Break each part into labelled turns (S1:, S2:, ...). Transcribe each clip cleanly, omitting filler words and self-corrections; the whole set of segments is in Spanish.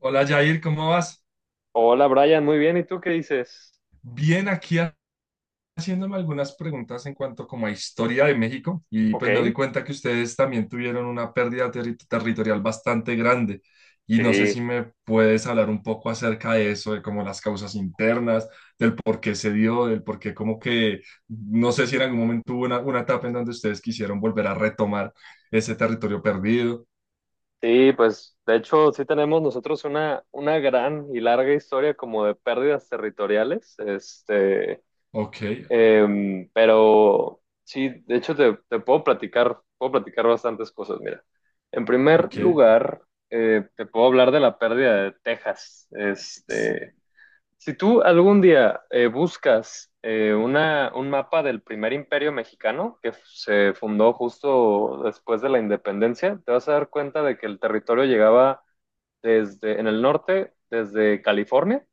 S1: Hola Jair, ¿cómo vas?
S2: Hola Brian, muy bien. ¿Y tú qué dices?
S1: Bien, aquí haciéndome algunas preguntas en cuanto como a historia de México y
S2: Ok,
S1: pues me doy cuenta que ustedes también tuvieron una pérdida territorial bastante grande y no sé si
S2: sí,
S1: me puedes hablar un poco acerca de eso, de como las causas internas, del por qué se dio, del por qué como que no sé si en algún momento hubo una etapa en donde ustedes quisieron volver a retomar ese territorio perdido.
S2: sí, pues de hecho sí tenemos nosotros una gran y larga historia como de pérdidas territoriales,
S1: Ok.
S2: pero sí, de hecho te puedo platicar bastantes cosas. Mira, en primer
S1: Ok.
S2: lugar, te puedo hablar de la pérdida de Texas. Si tú algún día buscas un mapa del primer imperio mexicano que se fundó justo después de la independencia, te vas a dar cuenta de que el territorio llegaba desde en el norte, desde California,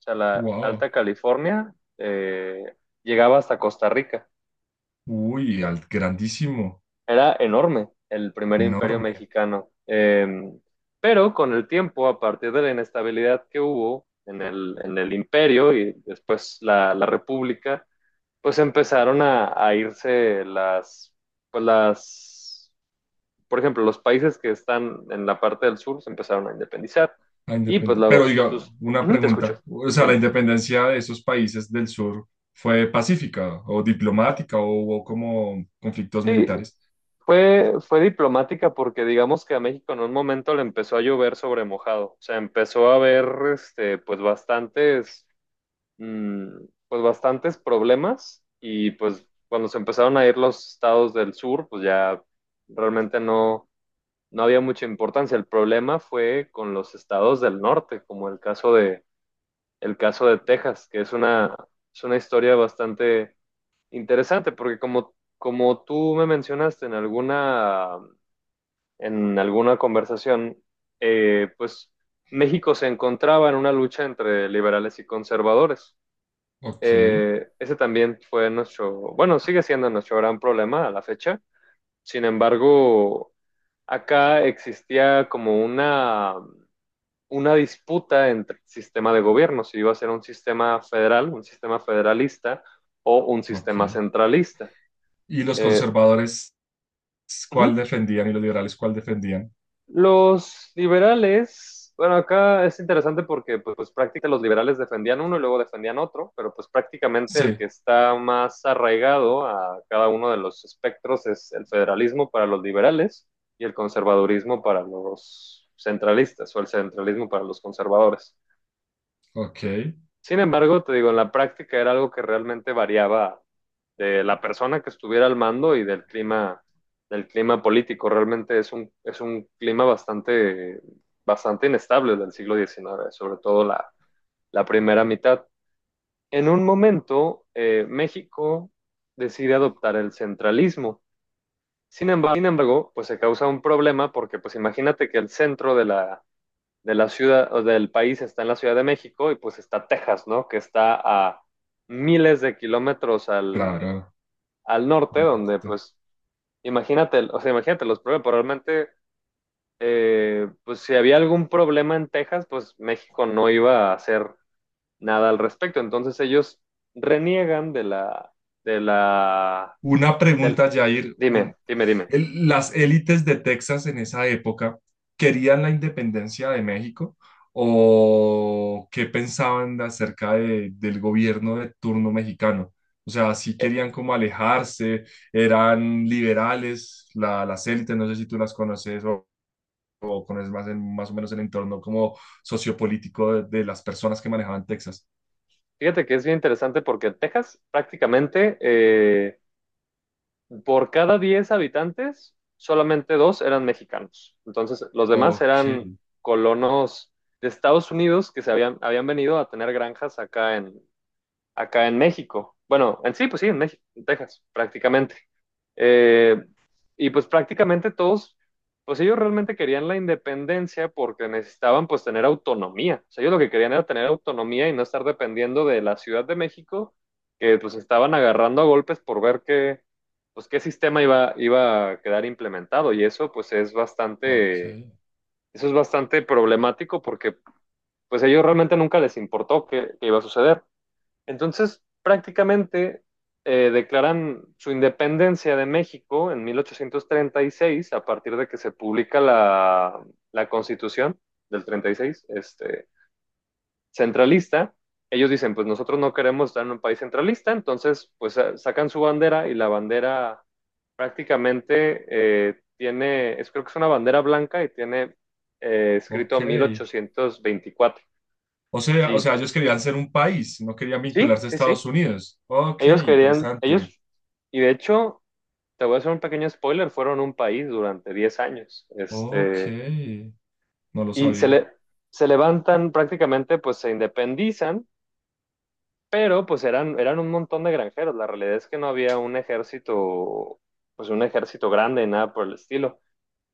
S2: o sea, la
S1: Wow,
S2: Alta California, llegaba hasta Costa Rica.
S1: uy, grandísimo,
S2: Era enorme el primer imperio
S1: enorme.
S2: mexicano. Pero con el tiempo, a partir de la inestabilidad que hubo en el imperio y después la república, pues empezaron a irse pues las, por ejemplo, los países que están en la parte del sur se empezaron a independizar y pues
S1: Pero
S2: luego
S1: diga,
S2: sus...
S1: una
S2: Ujú, te escucho,
S1: pregunta. O sea, ¿la
S2: dime.
S1: independencia de esos países del sur fue pacífica o diplomática o hubo como conflictos
S2: Sí,
S1: militares?
S2: fue diplomática porque digamos que a México en un momento le empezó a llover sobre mojado, o sea, empezó a haber, este, pues bastantes, mm, pues bastantes problemas, y pues cuando se empezaron a ir los estados del sur, pues ya realmente no había mucha importancia. El problema fue con los estados del norte, como el caso de, Texas, que es una historia bastante interesante, porque como tú me mencionaste en en alguna conversación, pues México se encontraba en una lucha entre liberales y conservadores.
S1: Ok,
S2: Ese también fue nuestro, bueno, sigue siendo nuestro gran problema a la fecha. Sin embargo, acá existía como una disputa entre el sistema de gobierno, si iba a ser un sistema federal, un sistema federalista o un
S1: ok.
S2: sistema centralista.
S1: ¿Y los
S2: Eh,
S1: conservadores cuál
S2: ujú.
S1: defendían y los liberales cuál defendían?
S2: Los liberales, bueno, acá es interesante porque prácticamente los liberales defendían uno y luego defendían otro, pero pues prácticamente el
S1: Sí,
S2: que está más arraigado a cada uno de los espectros es el federalismo para los liberales y el conservadurismo para los centralistas o el centralismo para los conservadores.
S1: ok,
S2: Sin embargo, te digo, en la práctica era algo que realmente variaba de la persona que estuviera al mando y del clima, político. Realmente es un clima bastante, bastante inestable del siglo XIX, sobre todo la primera mitad. En un momento, México decide adoptar el centralismo. Sin embargo, pues se causa un problema porque, pues imagínate que el centro de la ciudad o del país está en la Ciudad de México y pues está Texas, ¿no? Que está a miles de kilómetros al,
S1: claro.
S2: al norte,
S1: Al
S2: donde
S1: norte.
S2: pues imagínate, o sea, imagínate los problemas, pero realmente, pues si había algún problema en Texas, pues México no iba a hacer nada al respecto. Entonces ellos reniegan de la,
S1: Una
S2: del,
S1: pregunta, Jair.
S2: dime, dime, dime.
S1: ¿Las élites de Texas en esa época querían la independencia de México o qué pensaban acerca del gobierno de turno mexicano? O sea, sí
S2: Eh,
S1: querían como alejarse, eran liberales, las élites, no sé si tú las conoces o conoces más, más o menos el entorno como sociopolítico de las personas que manejaban Texas.
S2: fíjate que es bien interesante porque Texas prácticamente. Por cada 10 habitantes, solamente dos eran mexicanos. Entonces, los demás eran
S1: Ok,
S2: colonos de Estados Unidos que habían venido a tener granjas acá en México. Bueno, en sí, pues sí, en México, en Texas, prácticamente. Eh, y pues prácticamente todos, pues ellos realmente querían la independencia porque necesitaban pues tener autonomía. O sea, ellos lo que querían era tener autonomía y no estar dependiendo de la Ciudad de México, que pues estaban agarrando a golpes por ver qué, pues qué sistema iba a quedar implementado. Y eso pues es
S1: ok,
S2: bastante, eso es bastante problemático porque pues a ellos realmente nunca les importó qué, iba a suceder. Entonces, prácticamente declaran su independencia de México en 1836, a partir de que se publica la Constitución del 36, centralista. Ellos dicen, pues nosotros no queremos estar en un país centralista, entonces pues sacan su bandera y la bandera prácticamente tiene, es, creo que es una bandera blanca y tiene
S1: ok.
S2: escrito 1824.
S1: O
S2: Sí,
S1: sea, ellos querían ser un país, no querían
S2: sí,
S1: vincularse a
S2: sí, sí.
S1: Estados Unidos. Ok,
S2: Ellos querían,
S1: interesante.
S2: ellos, y de hecho, te voy a hacer un pequeño spoiler, fueron un país durante 10 años,
S1: Ok, no lo
S2: y
S1: sabía.
S2: se levantan prácticamente, pues se independizan, pero pues eran un montón de granjeros, la realidad es que no había un ejército, pues un ejército grande, nada por el estilo.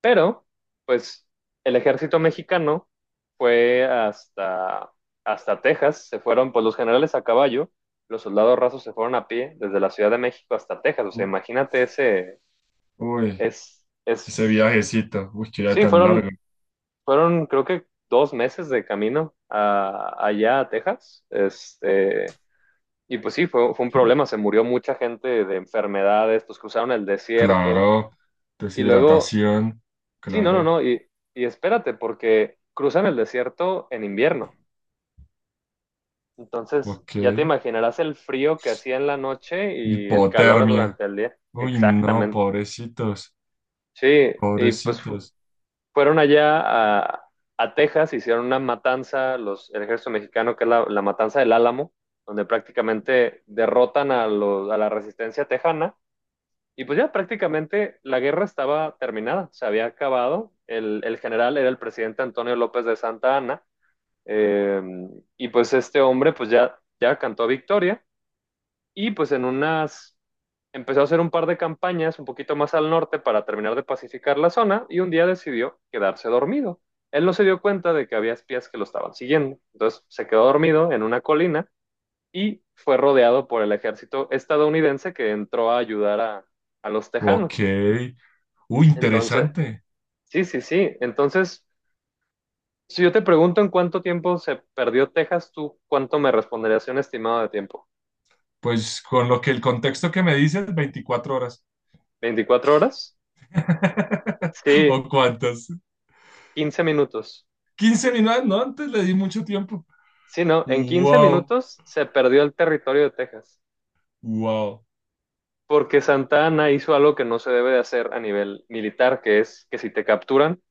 S2: Pero, pues, el ejército mexicano fue hasta Texas, se fueron, pues los generales a caballo, los soldados rasos se fueron a pie desde la Ciudad de México hasta Texas, o sea,
S1: U-
S2: imagínate
S1: Uy,
S2: es,
S1: ese
S2: es,
S1: viajecito, uy, qué viaje
S2: sí,
S1: tan largo.
S2: fueron creo que 2 meses de camino allá a Texas, y pues sí, fue un problema, se murió mucha gente de enfermedades, pues cruzaron el desierto,
S1: Claro,
S2: y luego.
S1: deshidratación,
S2: Sí, no, no,
S1: claro,
S2: no. Y, espérate, porque cruzan el desierto en invierno. Entonces,
S1: ok.
S2: ya te imaginarás el frío que hacía en la noche y el calor
S1: Hipotermia.
S2: durante el día.
S1: Uy, no,
S2: Exactamente.
S1: pobrecitos,
S2: Sí, y pues
S1: pobrecitos.
S2: fueron allá a, a Texas, hicieron una matanza, los, el ejército mexicano, que es la matanza del Álamo, donde prácticamente derrotan a la resistencia tejana. Y pues ya prácticamente la guerra estaba terminada, se había acabado. El general era el presidente Antonio López de Santa Anna. Eh, y pues este hombre pues ya, cantó victoria y pues en unas empezó a hacer un par de campañas un poquito más al norte para terminar de pacificar la zona y un día decidió quedarse dormido. Él no se dio cuenta de que había espías que lo estaban siguiendo, entonces se quedó dormido en una colina y fue rodeado por el ejército estadounidense que entró a ayudar a los
S1: Ok,
S2: tejanos.
S1: uy,
S2: Entonces,
S1: interesante.
S2: sí, sí, sí. Entonces, si yo te pregunto en cuánto tiempo se perdió Texas, ¿tú cuánto me responderías un estimado de tiempo?
S1: Pues con lo que el contexto que me dices, 24 horas.
S2: ¿24 horas? Sí.
S1: ¿O cuántas?
S2: 15 minutos.
S1: 15 minutos, no, antes le di mucho tiempo.
S2: Sí, no, en quince
S1: Wow,
S2: minutos se perdió el territorio de Texas,
S1: wow,
S2: porque Santa Ana hizo algo que no se debe de hacer a nivel militar, que es que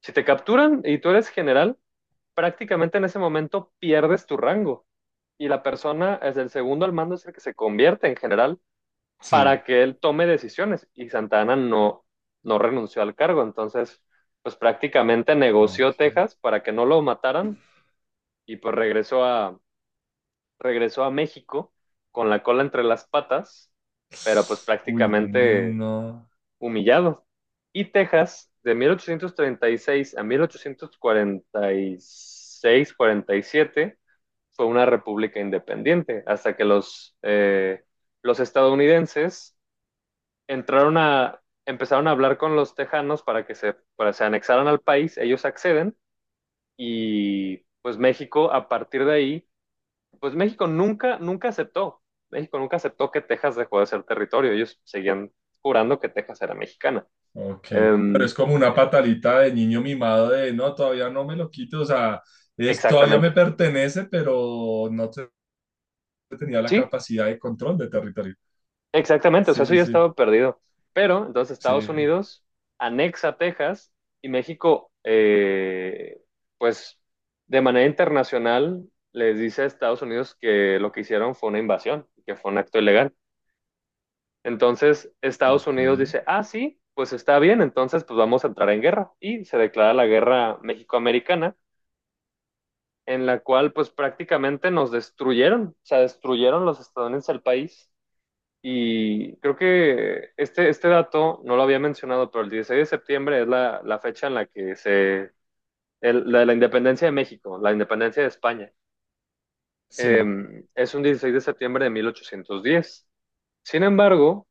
S2: si te capturan y tú eres general, prácticamente en ese momento pierdes tu rango y la persona es el segundo al mando es el que se convierte en general
S1: sí,
S2: para que él tome decisiones y Santana no, no renunció al cargo. Entonces, pues prácticamente negoció
S1: ok.
S2: Texas para que no lo mataran y pues regresó regresó a México con la cola entre las patas, pero pues
S1: Uy,
S2: prácticamente
S1: no,
S2: humillado. Y Texas, de 1836 a 1846-47, fue una república independiente, hasta que los estadounidenses entraron empezaron a hablar con los tejanos para que se, anexaran al país, ellos acceden, y pues México a partir de ahí, pues México nunca, nunca aceptó, que Texas dejó de ser territorio, ellos seguían jurando que Texas era mexicana.
S1: ok. Pero
S2: Um,
S1: es como una patalita de niño mimado de, no, todavía no me lo quito, o sea, es, todavía me
S2: exactamente.
S1: pertenece, pero no tenía la
S2: Sí,
S1: capacidad de control de territorio.
S2: exactamente, o sea,
S1: Sí,
S2: eso
S1: sí,
S2: ya
S1: sí,
S2: estaba perdido. Pero entonces
S1: sí,
S2: Estados Unidos anexa Texas y México, pues de manera internacional, les dice a Estados Unidos que lo que hicieron fue una invasión, que fue un acto ilegal. Entonces Estados
S1: ok,
S2: Unidos dice, ah, sí, pues está bien, entonces pues vamos a entrar en guerra. Y se declara la guerra México-Americana, en la cual pues prácticamente nos destruyeron, o sea, destruyeron los estadounidenses el país, y creo que este dato no lo había mencionado, pero el 16 de septiembre es la fecha en la que se... la de la independencia de México, la independencia de España. Eh,
S1: sí,
S2: es un 16 de septiembre de 1810. Sin embargo,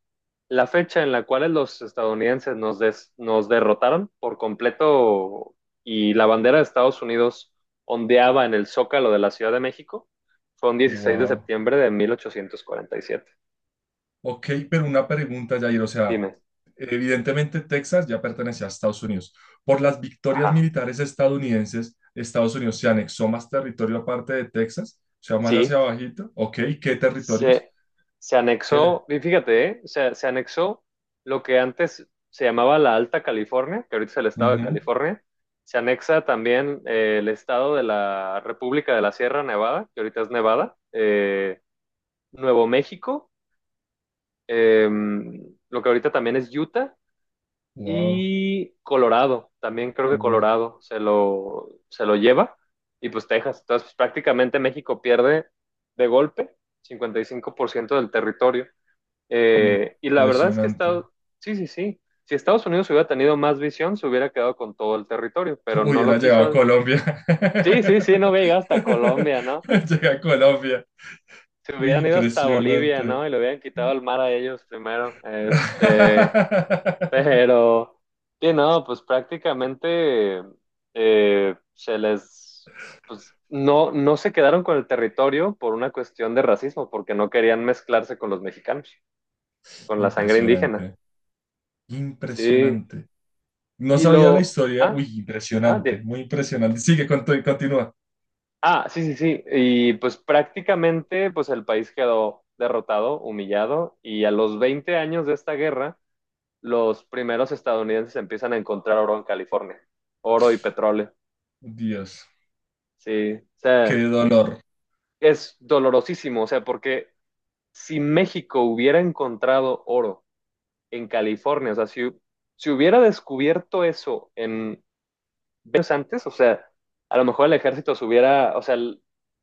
S2: la fecha en la cual los estadounidenses nos derrotaron por completo y la bandera de Estados Unidos ondeaba en el zócalo de la Ciudad de México fue un 16 de
S1: wow.
S2: septiembre de 1847.
S1: Ok, pero una pregunta, Jair, o sea,
S2: Dime.
S1: evidentemente Texas ya pertenecía a Estados Unidos. Por las victorias
S2: Ajá.
S1: militares estadounidenses, Estados Unidos se anexó más territorio aparte de Texas, o sea, más hacia
S2: Sí.
S1: abajito. Ok, ¿qué territorios?
S2: Se, se
S1: ¿Qué?
S2: anexó, y fíjate, ¿eh? Se anexó lo que antes se llamaba la Alta California, que ahorita es el estado de
S1: Ujú.
S2: California. Se anexa también, el estado de la República de la Sierra Nevada, que ahorita es Nevada, Nuevo México, eh, lo que ahorita también es Utah,
S1: Wow,
S2: y Colorado, también creo que
S1: uy,
S2: Colorado se lo lleva, y pues Texas. Entonces, pues, prácticamente México pierde de golpe 55% del territorio. Y la verdad es que
S1: impresionante.
S2: Estados, sí, sí, sí. Si Estados Unidos hubiera tenido más visión, se hubiera quedado con todo el territorio, pero no
S1: Uy,
S2: lo
S1: era llegado a
S2: quiso.
S1: Colombia.
S2: Sí, sí, sí, no hubiera llegado hasta Colombia, ¿no?
S1: Llegué a Colombia.
S2: Se
S1: Uy,
S2: hubieran ido hasta Bolivia,
S1: impresionante.
S2: ¿no? Y le hubieran quitado el mar a ellos primero. Pero, sí, no, pues prácticamente eh, se les, pues no, no se quedaron con el territorio por una cuestión de racismo, porque no querían mezclarse con los mexicanos, con la sangre indígena.
S1: Impresionante.
S2: Sí,
S1: Impresionante. No
S2: Y
S1: sabía la
S2: lo,
S1: historia.
S2: ah,
S1: Uy,
S2: ah,
S1: impresionante,
S2: de,
S1: muy impresionante. Sigue, continúa.
S2: ah, sí, sí, sí. Y pues prácticamente, pues el país quedó derrotado, humillado, y a los 20 años de esta guerra, los primeros estadounidenses empiezan a encontrar oro en California, oro y petróleo.
S1: Dios,
S2: Sí, o
S1: qué
S2: sea,
S1: dolor.
S2: es dolorosísimo, o sea, porque si México hubiera encontrado oro en California, o sea, si hubiera descubierto eso en años antes, o sea, a lo mejor el ejército subiera, o sea,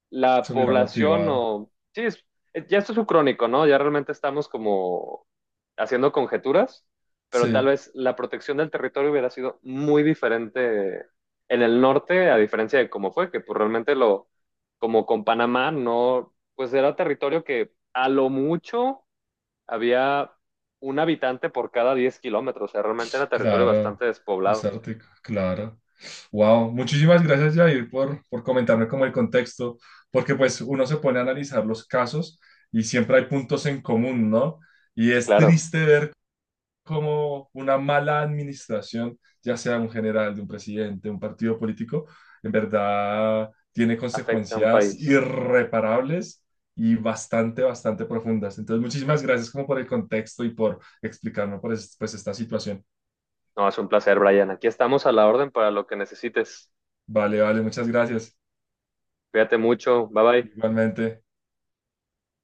S2: la
S1: Se hubiera
S2: población
S1: motivado.
S2: o... Sí, ya esto es un crónico, ¿no? Ya realmente estamos como haciendo conjeturas, pero tal
S1: Sí,
S2: vez la protección del territorio hubiera sido muy diferente en el norte, a diferencia de cómo fue, que pues realmente lo, como con Panamá, no, pues era territorio que a lo mucho había un habitante por cada 10 kilómetros, o sea, realmente era territorio
S1: claro.
S2: bastante despoblado.
S1: Desértico, claro. Wow, muchísimas gracias, Jair, por comentarme como el contexto, porque pues uno se pone a analizar los casos y siempre hay puntos en común, ¿no? Y
S2: Sí,
S1: es
S2: claro.
S1: triste ver como una mala administración, ya sea de un general, de un presidente, un partido político, en verdad tiene
S2: Afecta a un
S1: consecuencias
S2: país.
S1: irreparables y bastante, bastante profundas. Entonces, muchísimas gracias como por el contexto y por explicarme por pues esta situación.
S2: No, es un placer, Brian. Aquí estamos a la orden para lo que necesites.
S1: Vale, vale, muchas gracias.
S2: Cuídate mucho. Bye bye.
S1: Igualmente.